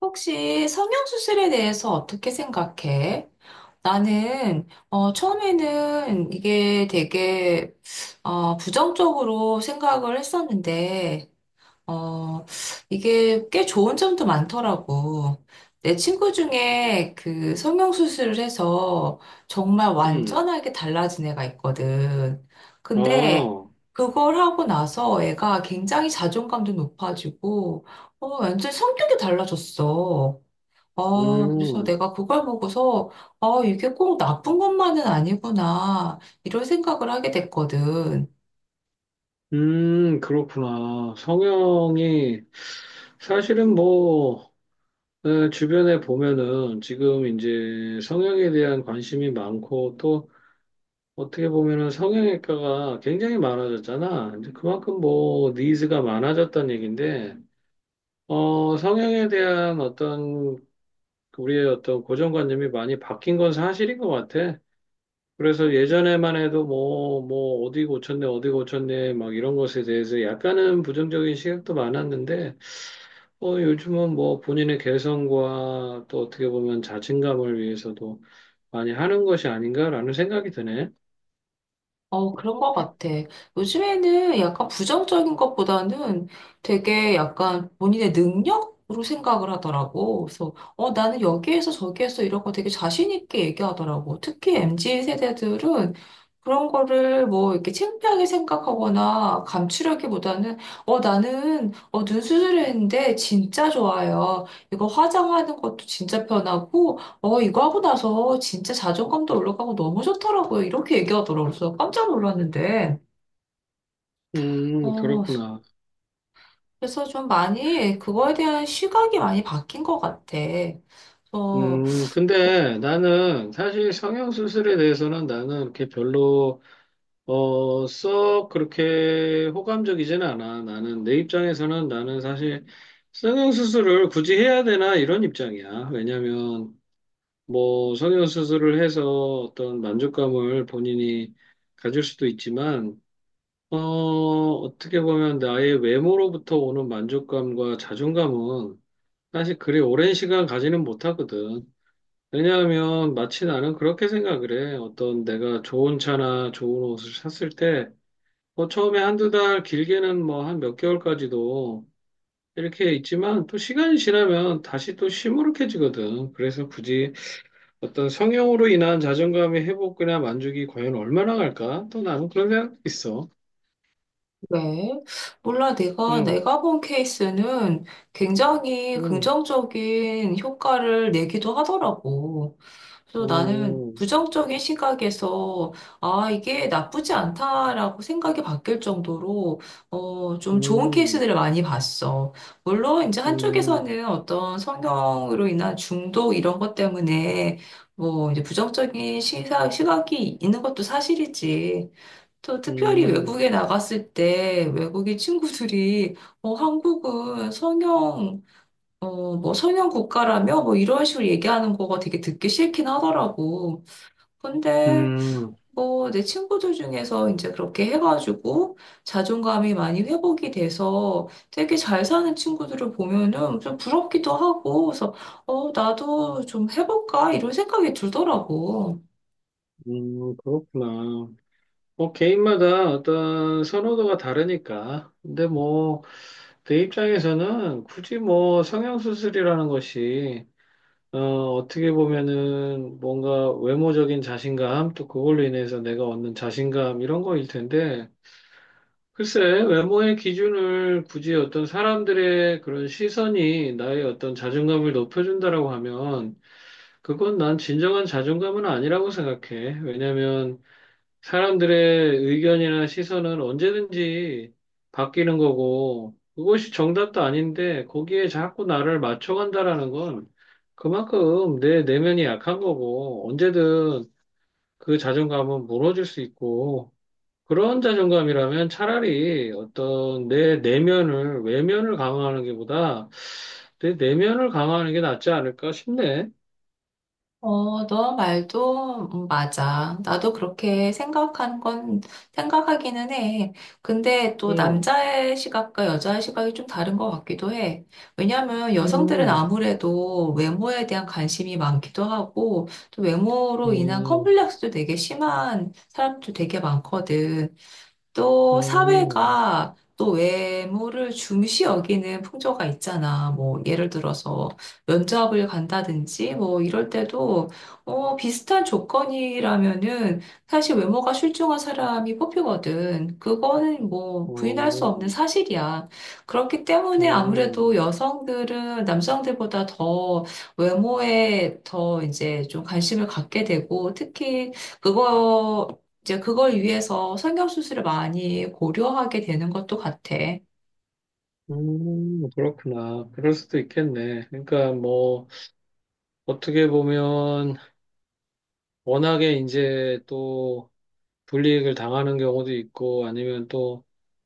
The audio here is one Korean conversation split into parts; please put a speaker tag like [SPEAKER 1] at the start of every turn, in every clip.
[SPEAKER 1] 혹시 성형수술에 대해서 어떻게 생각해? 나는, 처음에는 이게 되게, 부정적으로 생각을 했었는데, 어, 이게 꽤 좋은 점도 많더라고. 내 친구 중에 그 성형수술을 해서 정말
[SPEAKER 2] 음,
[SPEAKER 1] 완전하게 달라진 애가 있거든. 근데
[SPEAKER 2] 아,
[SPEAKER 1] 그걸 하고 나서 애가 굉장히 자존감도 높아지고, 완전 성격이 달라졌어. 그래서
[SPEAKER 2] 음,
[SPEAKER 1] 내가 그걸 보고서, 이게 꼭 나쁜 것만은 아니구나, 이런 생각을 하게 됐거든.
[SPEAKER 2] 그렇구나. 성형이, 사실은 뭐, 네, 주변에 보면은 지금 이제 성형에 대한 관심이 많고 또 어떻게 보면은 성형외과가 굉장히 많아졌잖아. 이제 그만큼 뭐, 니즈가 많아졌다는 얘기인데, 어, 성형에 대한 어떤, 우리의 어떤 고정관념이 많이 바뀐 건 사실인 것 같아. 그래서 예전에만 해도 뭐, 뭐, 어디 고쳤네, 어디 고쳤네, 막 이런 것에 대해서 약간은 부정적인 시각도 많았는데, 어, 요즘은 뭐 본인의 개성과 또 어떻게 보면 자신감을 위해서도 많이 하는 것이 아닌가라는 생각이 드네.
[SPEAKER 1] 그런 것 같아. 요즘에는 약간 부정적인 것보다는 되게 약간 본인의 능력으로 생각을 하더라고. 그래서, 나는 여기에서 저기에서 이런 거 되게 자신 있게 얘기하더라고. 특히 MZ 세대들은 그런 거를 뭐 이렇게 창피하게 생각하거나 감추려기보다는, 나는, 눈 수술했는데 진짜 좋아요. 이거 화장하는 것도 진짜 편하고, 이거 하고 나서 진짜 자존감도 올라가고 너무 좋더라고요. 이렇게 얘기하더라고요. 그래서 깜짝 놀랐는데. 어,
[SPEAKER 2] 그렇구나.
[SPEAKER 1] 그래서 좀 많이 그거에 대한 시각이 많이 바뀐 것 같아. 그래서
[SPEAKER 2] 근데 나는 사실 성형수술에 대해서는 나는 이렇게 별로 어, 썩 그렇게 호감적이지는 않아. 나는 내 입장에서는 나는 사실 성형수술을 굳이 해야 되나 이런 입장이야. 왜냐면 뭐 성형수술을 해서 어떤 만족감을 본인이 가질 수도 있지만 어, 어떻게 보면 나의 외모로부터 오는 만족감과 자존감은 사실 그리 오랜 시간 가지는 못하거든. 왜냐하면 마치 나는 그렇게 생각을 해. 어떤 내가 좋은 차나 좋은 옷을 샀을 때 뭐 처음에 한 두 달, 길게는 뭐 한 몇 개월까지도 이렇게 있지만 또 시간이 지나면 다시 또 시무룩해지거든. 그래서 굳이 어떤 성형으로 인한 자존감의 회복이나 만족이 과연 얼마나 갈까? 또 나는 그런 생각도 있어.
[SPEAKER 1] 네. 몰라, 내가,
[SPEAKER 2] 응.
[SPEAKER 1] 내가 본 케이스는 굉장히
[SPEAKER 2] 응.
[SPEAKER 1] 긍정적인 효과를 내기도 하더라고. 그래서 나는
[SPEAKER 2] 응.
[SPEAKER 1] 부정적인 시각에서, 아, 이게 나쁘지 않다라고 생각이 바뀔 정도로, 좀 좋은
[SPEAKER 2] 응.
[SPEAKER 1] 케이스들을 많이 봤어. 물론, 이제
[SPEAKER 2] 응.
[SPEAKER 1] 한쪽에서는 어떤 성형으로 인한 중독 이런 것 때문에, 뭐, 이제 부정적인 시각이 있는 것도 사실이지. 또 특별히
[SPEAKER 2] 응.
[SPEAKER 1] 외국에 나갔을 때 외국인 친구들이 한국은 성형 국가라며 뭐 이런 식으로 얘기하는 거가 되게 듣기 싫긴 하더라고. 근데
[SPEAKER 2] 응.
[SPEAKER 1] 뭐 내 친구들 중에서 이제 그렇게 해가지고 자존감이 많이 회복이 돼서 되게 잘 사는 친구들을 보면은 좀 부럽기도 하고 그래서 나도 좀 해볼까 이런 생각이 들더라고.
[SPEAKER 2] 응. 그렇구나. 뭐 개인마다 어떤 선호도가 다르니까. 근데 뭐 내 입장에서는 굳이 뭐 성형수술이라는 것이 어, 어떻게 보면은 뭔가 외모적인 자신감 또 그걸로 인해서 내가 얻는 자신감 이런 거일 텐데 글쎄 외모의 기준을 굳이 어떤 사람들의 그런 시선이 나의 어떤 자존감을 높여준다라고 하면 그건 난 진정한 자존감은 아니라고 생각해. 왜냐면 사람들의 의견이나 시선은 언제든지 바뀌는 거고, 그것이 정답도 아닌데, 거기에 자꾸 나를 맞춰간다라는 건 그만큼 내 내면이 약한 거고, 언제든 그 자존감은 무너질 수 있고, 그런 자존감이라면 차라리 어떤 내 내면을, 외면을 강화하는 게보다 내 내면을 강화하는 게 낫지 않을까 싶네.
[SPEAKER 1] 너 말도 맞아. 나도 그렇게 생각한 건 생각하기는 해. 근데 또
[SPEAKER 2] 음.
[SPEAKER 1] 남자의 시각과 여자의 시각이 좀 다른 것 같기도 해. 왜냐하면 여성들은
[SPEAKER 2] 음.
[SPEAKER 1] 아무래도 외모에 대한 관심이 많기도 하고 또 외모로 인한
[SPEAKER 2] 음.
[SPEAKER 1] 컴플렉스도 되게 심한 사람도 되게 많거든. 또
[SPEAKER 2] 음.
[SPEAKER 1] 사회가 또 외모를 중시 여기는 풍조가 있잖아. 뭐 예를 들어서 면접을 간다든지 뭐 이럴 때도 비슷한 조건이라면은 사실 외모가 출중한 사람이 뽑히거든. 그거는 뭐 부인할 수 없는
[SPEAKER 2] 음.
[SPEAKER 1] 사실이야. 그렇기 때문에 아무래도
[SPEAKER 2] 음.
[SPEAKER 1] 여성들은 남성들보다 더 외모에 더 이제 좀 관심을 갖게 되고 특히 그거 이제 그걸 위해서 성형수술을 많이 고려하게 되는 것도 같아.
[SPEAKER 2] 그렇구나. 그럴 수도 있겠네. 그러니까 뭐, 어떻게 보면, 워낙에 이제 또 불이익을 당하는 경우도 있고, 아니면 또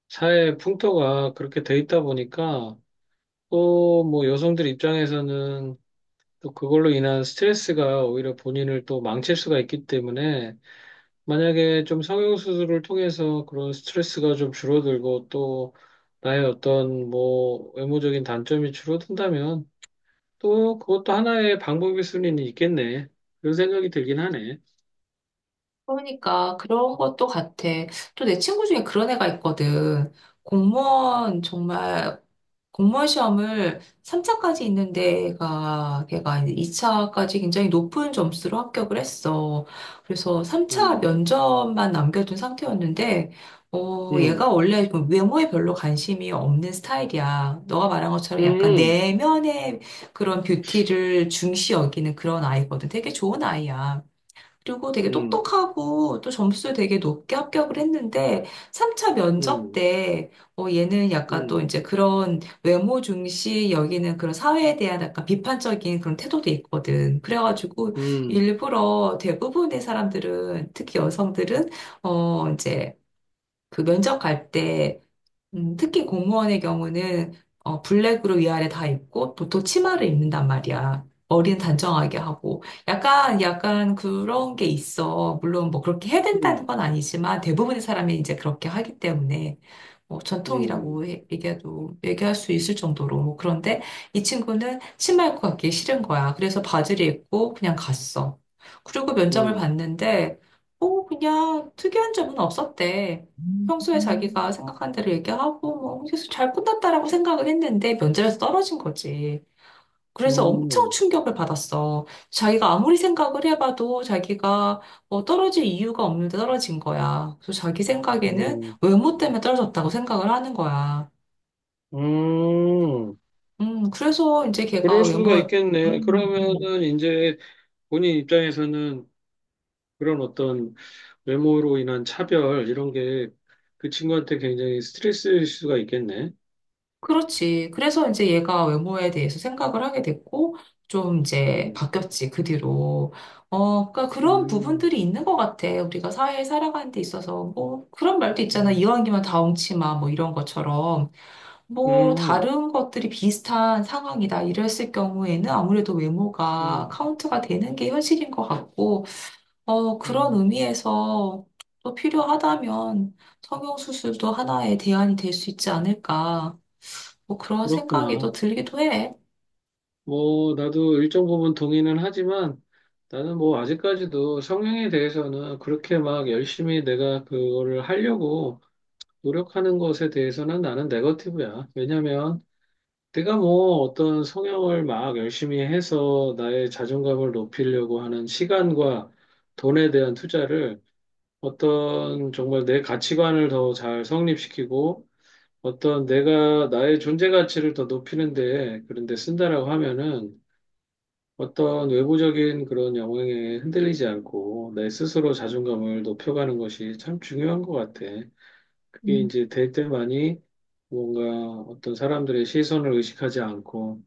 [SPEAKER 2] 사회 풍토가 그렇게 돼 있다 보니까, 또 뭐 여성들 입장에서는 또 그걸로 인한 스트레스가 오히려 본인을 또 망칠 수가 있기 때문에, 만약에 좀 성형수술을 통해서 그런 스트레스가 좀 줄어들고, 또 나의 어떤 뭐 외모적인 단점이 줄어든다면, 또 그것도 하나의 방법일 수는 있겠네. 그런 생각이 들긴 하네.
[SPEAKER 1] 그러니까 그런 것도 같아. 또 내 친구 중에 그런 애가 있거든. 공무원 정말 공무원 시험을 3차까지 있는 데가 걔가 2차까지 굉장히 높은 점수로 합격을 했어. 그래서 3차
[SPEAKER 2] 음.
[SPEAKER 1] 면접만 남겨둔 상태였는데 얘가
[SPEAKER 2] 음.
[SPEAKER 1] 원래 그 외모에 별로 관심이 없는 스타일이야. 너가 말한 것처럼 약간
[SPEAKER 2] 음.
[SPEAKER 1] 내면의 그런 뷰티를 중시 여기는 그런 아이거든. 되게 좋은 아이야. 그리고 되게
[SPEAKER 2] 음.
[SPEAKER 1] 똑똑하고 또 점수 되게 높게 합격을 했는데 3차 면접
[SPEAKER 2] 음.
[SPEAKER 1] 때 얘는 약간
[SPEAKER 2] 음.
[SPEAKER 1] 또
[SPEAKER 2] 음.
[SPEAKER 1] 이제 그런 외모 중시 여기는 그런 사회에 대한 약간 비판적인 그런 태도도 있거든. 그래가지고
[SPEAKER 2] 음.
[SPEAKER 1] 일부러 대부분의 사람들은 특히 여성들은 이제 그 면접 갈때 특히 공무원의 경우는 블랙으로 위아래 다 입고 보통 치마를 입는단 말이야. 머리는 단정하게 하고 약간 그런 게 있어. 물론 뭐 그렇게 해야
[SPEAKER 2] 음.
[SPEAKER 1] 된다는 건 아니지만 대부분의 사람이 이제 그렇게 하기 때문에 뭐
[SPEAKER 2] 음.
[SPEAKER 1] 전통이라고 얘기해도 얘기할 수 있을 정도로 뭐 그런데 이 친구는 치마 입고 가기 싫은 거야. 그래서 바지를 입고 그냥 갔어. 그리고 면접을
[SPEAKER 2] 음.
[SPEAKER 1] 봤는데 그냥 특이한 점은 없었대. 평소에 자기가 생각한 대로 얘기하고, 뭐, 그래서 잘 끝났다라고 생각을 했는데 면접에서 떨어진 거지. 그래서 엄청 충격을 받았어. 자기가 아무리 생각을 해봐도 자기가 떨어질 이유가 없는데 떨어진 거야. 그래서 자기 생각에는
[SPEAKER 2] 음.
[SPEAKER 1] 외모 때문에 떨어졌다고 생각을 하는 거야.
[SPEAKER 2] 음.
[SPEAKER 1] 그래서 이제 걔가
[SPEAKER 2] 그럴
[SPEAKER 1] 외모,
[SPEAKER 2] 수가 있겠네.
[SPEAKER 1] 음, 음.
[SPEAKER 2] 그러면은 이제 본인 입장에서는 그런 어떤 외모로 인한 차별 이런 게 그 친구한테 굉장히 스트레스일 수가 있겠네.
[SPEAKER 1] 그렇지. 그래서 이제 얘가 외모에 대해서 생각을 하게 됐고, 좀 이제
[SPEAKER 2] 음.
[SPEAKER 1] 바뀌었지, 그 뒤로. 그러니까 그런
[SPEAKER 2] 음.
[SPEAKER 1] 부분들이 있는 것 같아. 우리가 사회에 살아가는 데 있어서. 뭐, 그런 말도 있잖아.
[SPEAKER 2] 음.
[SPEAKER 1] 이왕이면 다 엉치마, 뭐 이런 것처럼. 뭐,
[SPEAKER 2] 음.
[SPEAKER 1] 다른 것들이 비슷한 상황이다. 이랬을 경우에는 아무래도 외모가
[SPEAKER 2] 음.
[SPEAKER 1] 카운트가 되는 게 현실인 것 같고, 그런
[SPEAKER 2] 음.
[SPEAKER 1] 의미에서 또 필요하다면 성형수술도 하나의 대안이 될 수 있지 않을까. 뭐 그런 생각이 또
[SPEAKER 2] 그렇구나.
[SPEAKER 1] 들기도 해.
[SPEAKER 2] 뭐, 나도 일정 부분 동의는 하지만 나는 뭐 아직까지도 성향에 대해서는 그렇게 막 열심히 내가 그거를 하려고 노력하는 것에 대해서는 나는 네거티브야. 왜냐면 내가 뭐 어떤 성향을 막 열심히 해서 나의 자존감을 높이려고 하는 시간과 돈에 대한 투자를 어떤 정말 내 가치관을 더 잘 성립시키고 어떤 내가 나의 존재 가치를 더 높이는데 그런데 쓴다라고 하면은 어떤 외부적인 그런 영향에 흔들리지 않고 내 스스로 자존감을 높여가는 것이 참 중요한 것 같아. 그게
[SPEAKER 1] 음,
[SPEAKER 2] 이제 될 때만이 뭔가 어떤 사람들의 시선을 의식하지 않고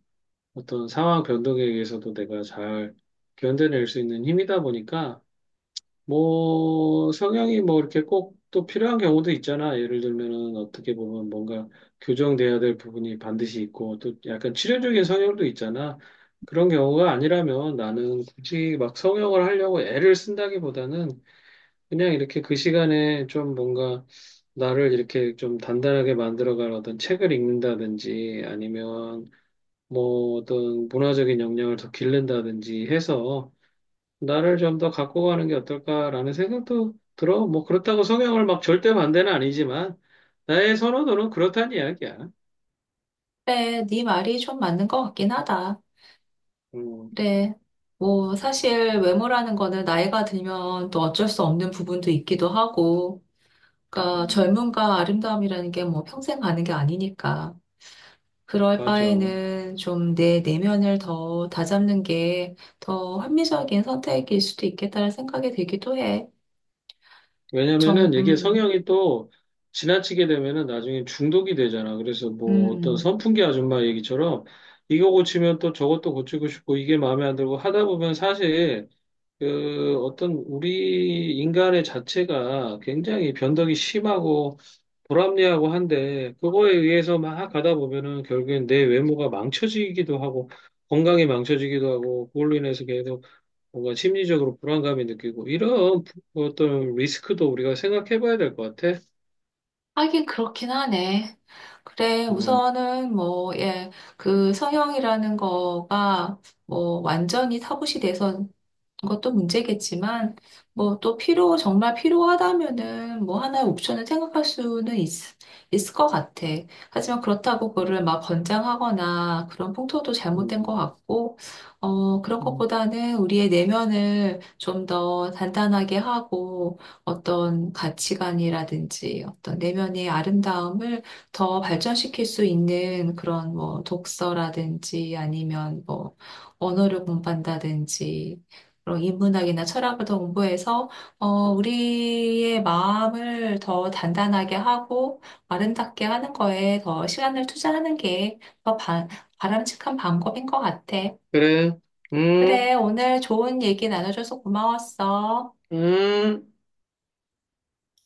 [SPEAKER 2] 어떤 상황 변동에 의해서도 내가 잘 견뎌낼 수 있는 힘이다 보니까 뭐, 성향이 뭐 이렇게 꼭 또 필요한 경우도 있잖아. 예를 들면은 어떻게 보면 뭔가 교정돼야 될 부분이 반드시 있고 또 약간 치료적인 성향도 있잖아. 그런 경우가 아니라면 나는 굳이 막 성형을 하려고 애를 쓴다기보다는 그냥 이렇게 그 시간에 좀 뭔가 나를 이렇게 좀 단단하게 만들어갈 어떤 책을 읽는다든지 아니면 뭐 어떤 문화적인 역량을 더 기른다든지 해서 나를 좀 더 갖고 가는 게 어떨까라는 생각도 들어. 뭐 그렇다고 성향을 막 절대 반대는 아니지만 나의 선호도는 그렇다는 이야기야.
[SPEAKER 1] 그래, 네 말이 좀 맞는 것 같긴 하다.
[SPEAKER 2] 음.
[SPEAKER 1] 그래, 뭐 사실 외모라는 거는 나이가 들면 또 어쩔 수 없는 부분도 있기도 하고, 그러니까
[SPEAKER 2] 음,
[SPEAKER 1] 젊음과 아름다움이라는 게 뭐 평생 가는 게 아니니까. 그럴
[SPEAKER 2] 맞아.
[SPEAKER 1] 바에는 좀 내 내면을 더 다잡는 게 더 합리적인 선택일 수도 있겠다는 생각이 들기도 해. 정,
[SPEAKER 2] 왜냐면은 이게
[SPEAKER 1] 음,
[SPEAKER 2] 성향이 또 지나치게 되면은 나중에 중독이 되잖아. 그래서 뭐 어떤
[SPEAKER 1] 음.
[SPEAKER 2] 선풍기 아줌마 얘기처럼 이거 고치면 또 저것도 고치고 싶고 이게 마음에 안 들고 하다 보면 사실 그 어떤 우리 인간의 자체가 굉장히 변덕이 심하고 불합리하고 한데 그거에 의해서 막 가다 보면은 결국엔 내 외모가 망쳐지기도 하고 건강이 망쳐지기도 하고 그걸로 인해서 계속 뭔가 심리적으로 불안감이 느끼고 이런 어떤 리스크도 우리가 생각해 봐야 될 것 같아.
[SPEAKER 1] 하긴 그렇긴 하네. 그래,
[SPEAKER 2] 음.
[SPEAKER 1] 우선은 뭐, 예, 그 성형이라는 거가 뭐 완전히 타부시 돼서 것도 문제겠지만, 뭐 또 정말 필요하다면은 뭐 하나의 옵션을 생각할 수는 있을 것 같아. 하지만 그렇다고 그거를 막 권장하거나 그런 풍토도 잘못된
[SPEAKER 2] 음.
[SPEAKER 1] 것 같고, 그런
[SPEAKER 2] 음.
[SPEAKER 1] 것보다는 우리의 내면을 좀 더 단단하게 하고 어떤 가치관이라든지 어떤 내면의 아름다움을 더 발전시킬 수 있는 그런 뭐 독서라든지 아니면 뭐 언어를 공부한다든지 그런 인문학이나 철학을 더 공부해서 어, 우리의 마음을 더 단단하게 하고 아름답게 하는 거에 더 시간을 투자하는 게 더 바람직한 방법인 것 같아.
[SPEAKER 2] 그래. 음.
[SPEAKER 1] 그래, 오늘 좋은 얘기 나눠줘서 고마웠어.
[SPEAKER 2] 음.